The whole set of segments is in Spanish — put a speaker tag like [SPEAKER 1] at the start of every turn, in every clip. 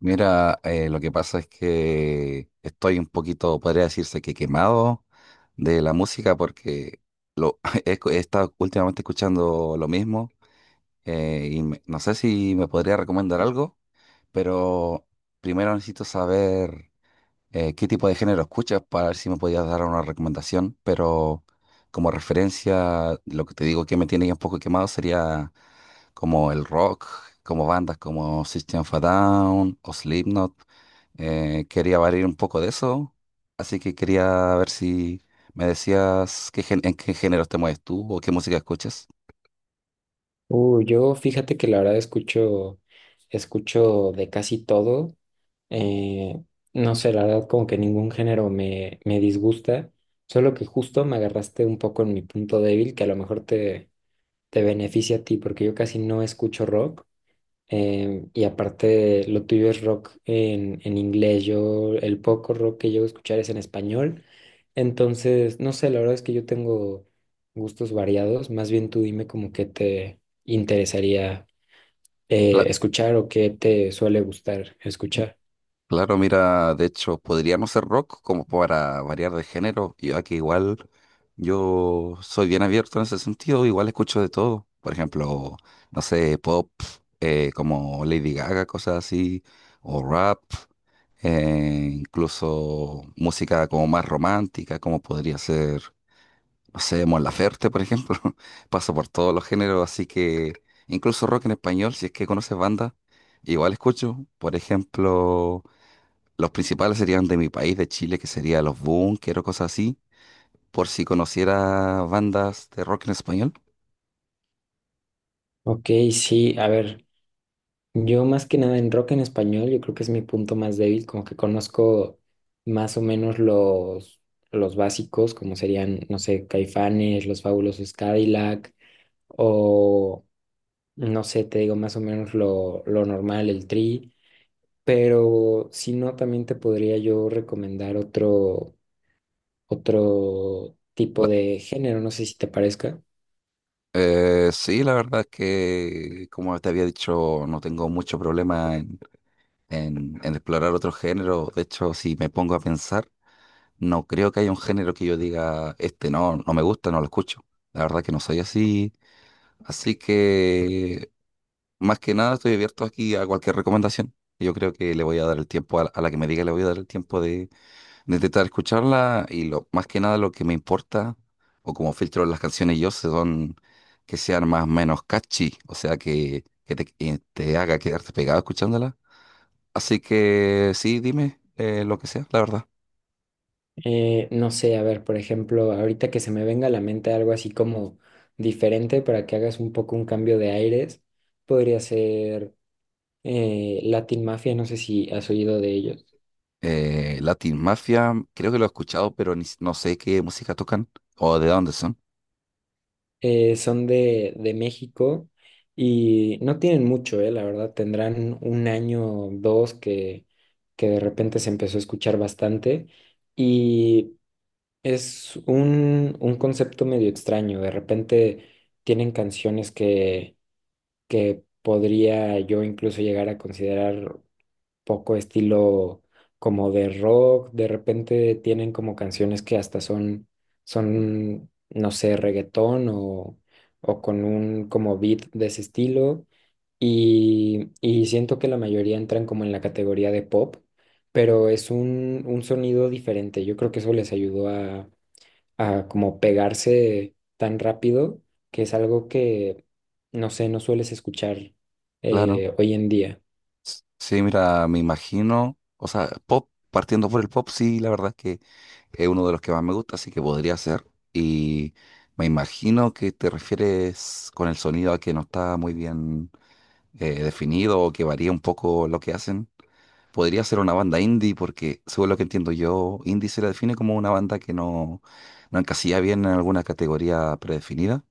[SPEAKER 1] Mira, lo que pasa es que estoy un poquito, podría decirse que quemado de la música porque lo, he estado últimamente escuchando lo mismo. No sé si me podría recomendar algo, pero primero necesito saber qué tipo de género escuchas para ver si me podías dar una recomendación. Pero como referencia, lo que te digo que me tiene ya un poco quemado sería como el rock, como bandas como System of a Down o Slipknot. Quería variar un poco de eso, así que quería ver si me decías en qué géneros te mueves tú o qué música escuchas.
[SPEAKER 2] Yo fíjate que la verdad escucho, escucho de casi todo. Eh, no sé, la verdad como que ningún género me disgusta, solo que justo me agarraste un poco en mi punto débil, que a lo mejor te beneficia a ti, porque yo casi no escucho rock. Y aparte, lo tuyo es rock en inglés. Yo, el poco rock que llego a escuchar es en español. Entonces, no sé, la verdad es que yo tengo gustos variados. Más bien tú dime como qué te interesaría escuchar o qué te suele gustar escuchar.
[SPEAKER 1] Claro, mira, de hecho, podría no ser rock como para variar de género, y aquí igual yo soy bien abierto en ese sentido, igual escucho de todo. Por ejemplo, no sé, pop, como Lady Gaga, cosas así, o rap, incluso música como más romántica, como podría ser, no sé, Mon Laferte, por ejemplo. Paso por todos los géneros, así que incluso rock en español, si es que conoces bandas, igual escucho. Por ejemplo. Los principales serían de mi país, de Chile, que sería Los Bunkers o cosas así, por si conociera bandas de rock en español.
[SPEAKER 2] Ok, sí, a ver, yo más que nada en rock en español, yo creo que es mi punto más débil, como que conozco más o menos los básicos, como serían, no sé, Caifanes, Los Fabulosos Cadillac, o no sé, te digo más o menos lo normal, el tri, pero si no, también te podría yo recomendar otro tipo
[SPEAKER 1] La-
[SPEAKER 2] de género, no sé si te parezca.
[SPEAKER 1] sí, la verdad es que, como te había dicho, no tengo mucho problema en, en explorar otro género. De hecho, si me pongo a pensar, no creo que haya un género que yo diga, este no, no me gusta, no lo escucho. La verdad que no soy así. Así que más que nada estoy abierto aquí a cualquier recomendación. Yo creo que le voy a dar el tiempo a la que me diga, le voy a dar el tiempo de intentar escucharla. Y lo, más que nada lo que me importa o como filtro las canciones yo son que sean más o menos catchy, o sea que, que te haga quedarte pegado escuchándola. Así que sí, dime, lo que sea, la verdad.
[SPEAKER 2] No sé, a ver, por ejemplo, ahorita que se me venga a la mente algo así como diferente para que hagas un poco un cambio de aires, podría ser Latin Mafia, no sé si has oído de ellos.
[SPEAKER 1] Latin Mafia, creo que lo he escuchado, pero ni s- no sé qué música tocan o de dónde son.
[SPEAKER 2] Son de México y no tienen mucho, la verdad, tendrán un año, dos, que de repente se empezó a escuchar bastante y es un concepto medio extraño, de repente tienen canciones que podría yo incluso llegar a considerar poco estilo como de rock, de repente tienen como canciones que hasta son, son, no sé, reggaetón o con un como beat de ese estilo. Y siento que la mayoría entran como en la categoría de pop, pero es un sonido diferente. Yo creo que eso les ayudó a como pegarse tan rápido, que es algo que, no sé, no sueles escuchar
[SPEAKER 1] Claro.
[SPEAKER 2] hoy en día.
[SPEAKER 1] Sí, mira, me imagino, o sea, pop, partiendo por el pop, sí, la verdad es que es uno de los que más me gusta, así que podría ser. Y me imagino que te refieres con el sonido a que no está muy bien definido o que varía un poco lo que hacen. Podría ser una banda indie, porque según lo que entiendo yo, indie se la define como una banda que no, no encasilla bien en alguna categoría predefinida.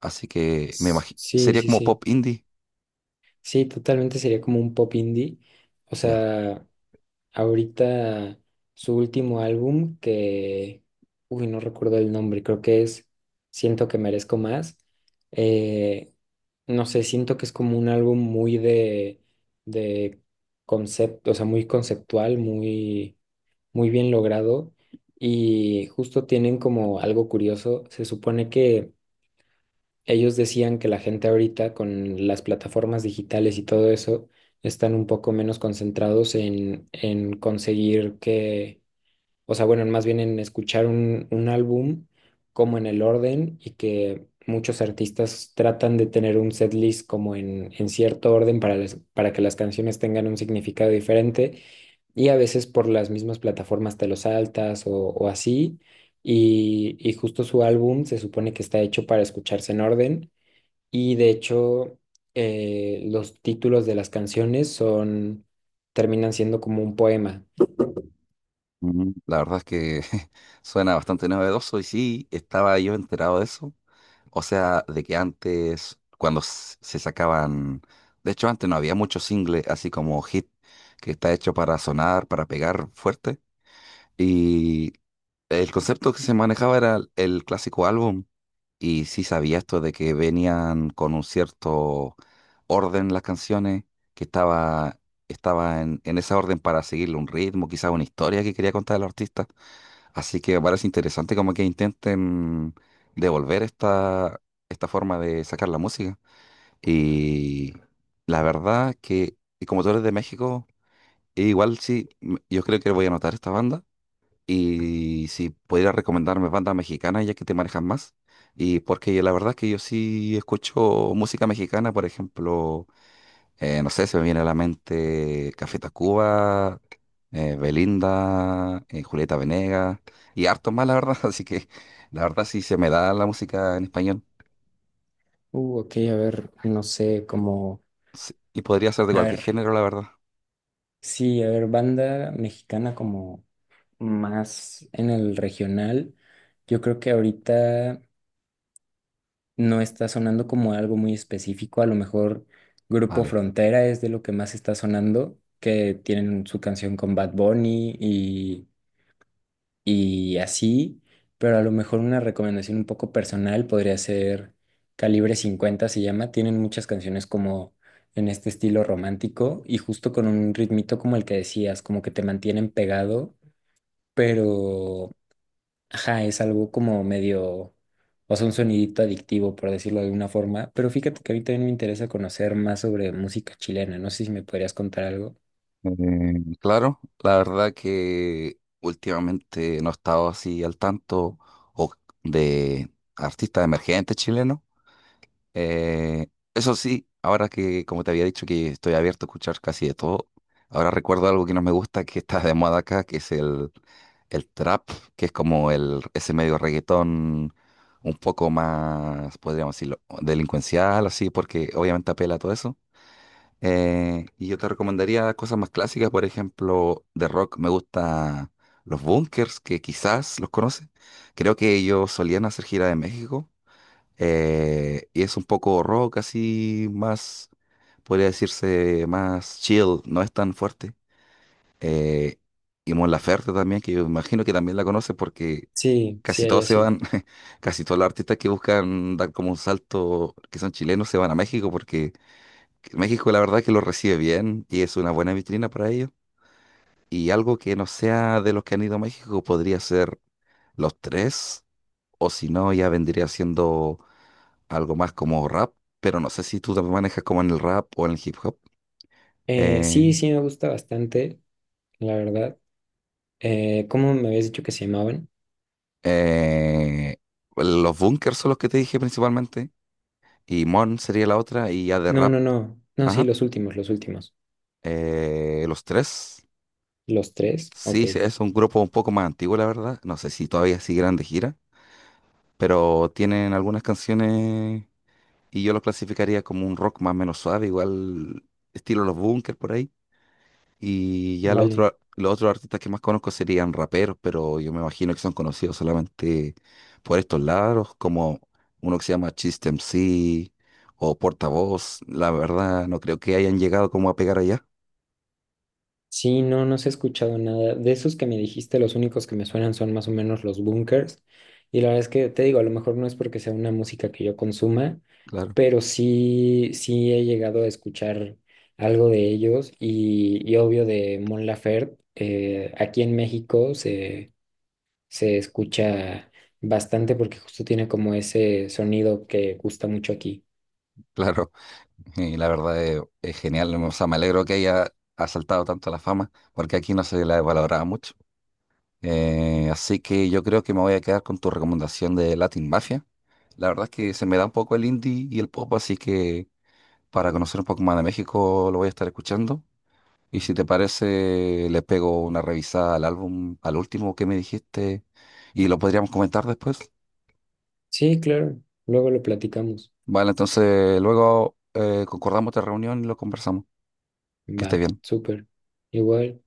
[SPEAKER 1] Así que me imagino,
[SPEAKER 2] Sí,
[SPEAKER 1] sería
[SPEAKER 2] sí,
[SPEAKER 1] como
[SPEAKER 2] sí.
[SPEAKER 1] pop indie.
[SPEAKER 2] Sí, totalmente sería como un pop indie. O
[SPEAKER 1] Ya.
[SPEAKER 2] sea, ahorita su último álbum que, uy, no recuerdo el nombre, creo que es Siento que merezco más. Eh, no sé, siento que es como un álbum muy de concepto, o sea, muy conceptual, muy, muy bien logrado. Y justo tienen como algo curioso. Se supone que ellos decían que la gente ahorita con las plataformas digitales y todo eso están un poco menos concentrados en conseguir que, o sea, bueno, más bien en escuchar un álbum como en el orden y que muchos artistas tratan de tener un setlist como en cierto orden para, para que las canciones tengan un significado diferente y a veces por las mismas plataformas te lo saltas o así y justo su álbum se supone que está hecho para escucharse en orden y de hecho, los títulos de las canciones son, terminan siendo como un poema.
[SPEAKER 1] Mm, la verdad es que suena bastante novedoso y sí, estaba yo enterado de eso. O sea, de que antes, cuando se sacaban, de hecho antes no había muchos singles, así como hit, que está hecho para sonar, para pegar fuerte. Y el concepto que se manejaba era el clásico álbum. Y sí sabía esto de que venían con un cierto orden las canciones, que estaba, estaba en esa orden para seguirle un ritmo, quizás una historia que quería contar el artista. Así que me parece interesante como que intenten devolver esta, esta forma de sacar la música. Y la verdad que, y como tú eres de México, igual sí, yo creo que voy a anotar esta banda. Y si pudieras recomendarme bandas mexicanas, ya que te manejas más. Y porque la verdad es que yo sí escucho música mexicana, por ejemplo, no sé, se me viene a la mente Café Tacuba, Belinda, Julieta Venegas y harto más, la verdad. Así que la verdad sí se me da la música en español,
[SPEAKER 2] Ok, a ver, no sé, como,
[SPEAKER 1] sí, y podría ser de
[SPEAKER 2] a
[SPEAKER 1] cualquier
[SPEAKER 2] ver,
[SPEAKER 1] género, la verdad.
[SPEAKER 2] sí, a ver, banda mexicana como más en el regional. Yo creo que ahorita no está sonando como algo muy específico. A lo mejor Grupo
[SPEAKER 1] Vale.
[SPEAKER 2] Frontera es de lo que más está sonando, que tienen su canción con Bad Bunny y así, pero a lo mejor una recomendación un poco personal podría ser Calibre 50 se llama, tienen muchas canciones como en este estilo romántico y justo con un ritmito como el que decías, como que te mantienen pegado, pero ajá, es algo como medio, o sea, un sonidito adictivo por decirlo de alguna forma, pero fíjate que a mí también me interesa conocer más sobre música chilena, no sé si me podrías contar algo.
[SPEAKER 1] Eh, claro, la verdad que últimamente no he estado así al tanto o de artistas emergentes chilenos. Eh, eso sí, ahora que, como te había dicho, que estoy abierto a escuchar casi de todo, ahora recuerdo algo que no me gusta, que está de moda acá, que es el trap, que es como el, ese medio reggaetón un poco más, podríamos decirlo, delincuencial, así, porque obviamente apela a todo eso. Y yo te recomendaría cosas más clásicas, por ejemplo, de rock me gusta los Bunkers, que quizás los conoces. Creo que ellos solían hacer gira de México, y es un poco rock así, más, podría decirse, más chill, no es tan fuerte. Eh, y Mon Laferte también, que yo imagino que también la conoce porque
[SPEAKER 2] Sí, sí,
[SPEAKER 1] casi
[SPEAKER 2] hay
[SPEAKER 1] todos se
[SPEAKER 2] así.
[SPEAKER 1] van, casi todos los artistas que buscan dar como un salto, que son chilenos, se van a México porque México la verdad que lo recibe bien y es una buena vitrina para ellos. Y algo que no sea de los que han ido a México podría ser Los Tres, o si no, ya vendría siendo algo más como rap, pero no sé si tú te manejas como en el rap o en el hip hop.
[SPEAKER 2] Sí,
[SPEAKER 1] Eh,
[SPEAKER 2] sí, me gusta bastante, la verdad. ¿Cómo me habías dicho que se llamaban?
[SPEAKER 1] eh, los Bunkers son los que te dije principalmente, y Mon sería la otra, y ya de
[SPEAKER 2] No,
[SPEAKER 1] rap,
[SPEAKER 2] no, no. No, sí,
[SPEAKER 1] ajá,
[SPEAKER 2] los últimos, los últimos.
[SPEAKER 1] los Tres.
[SPEAKER 2] ¿Los tres? Ok,
[SPEAKER 1] Sí, sí, es un grupo un poco más antiguo, la verdad. No sé si todavía siguen de gira, pero tienen algunas canciones y yo los clasificaría como un rock más o menos suave, igual estilo los Bunkers por ahí. Y ya
[SPEAKER 2] vale.
[SPEAKER 1] los otros artistas que más conozco serían raperos, pero yo me imagino que son conocidos solamente por estos lados, como uno que se llama Chiste MC o Portavoz. La verdad, no creo que hayan llegado como a pegar allá.
[SPEAKER 2] Sí, no, no se ha escuchado nada. De esos que me dijiste, los únicos que me suenan son más o menos los bunkers. Y la verdad es que te digo, a lo mejor no es porque sea una música que yo consuma,
[SPEAKER 1] Claro,
[SPEAKER 2] pero sí, sí he llegado a escuchar algo de ellos y obvio de Mon Laferte. Eh, aquí en México se escucha bastante porque justo tiene como ese sonido que gusta mucho aquí.
[SPEAKER 1] claro. Y la verdad es genial. O sea, me alegro que haya asaltado tanto la fama, porque aquí no se la valoraba mucho. Así que yo creo que me voy a quedar con tu recomendación de Latin Mafia. La verdad es que se me da un poco el indie y el pop, así que para conocer un poco más de México, lo voy a estar escuchando. Y si te parece, le pego una revisada al álbum, al último que me dijiste, y lo podríamos comentar después.
[SPEAKER 2] Sí, claro, luego lo platicamos.
[SPEAKER 1] Vale, entonces luego concordamos de reunión y lo conversamos. Que esté
[SPEAKER 2] Va,
[SPEAKER 1] bien.
[SPEAKER 2] súper. Igual.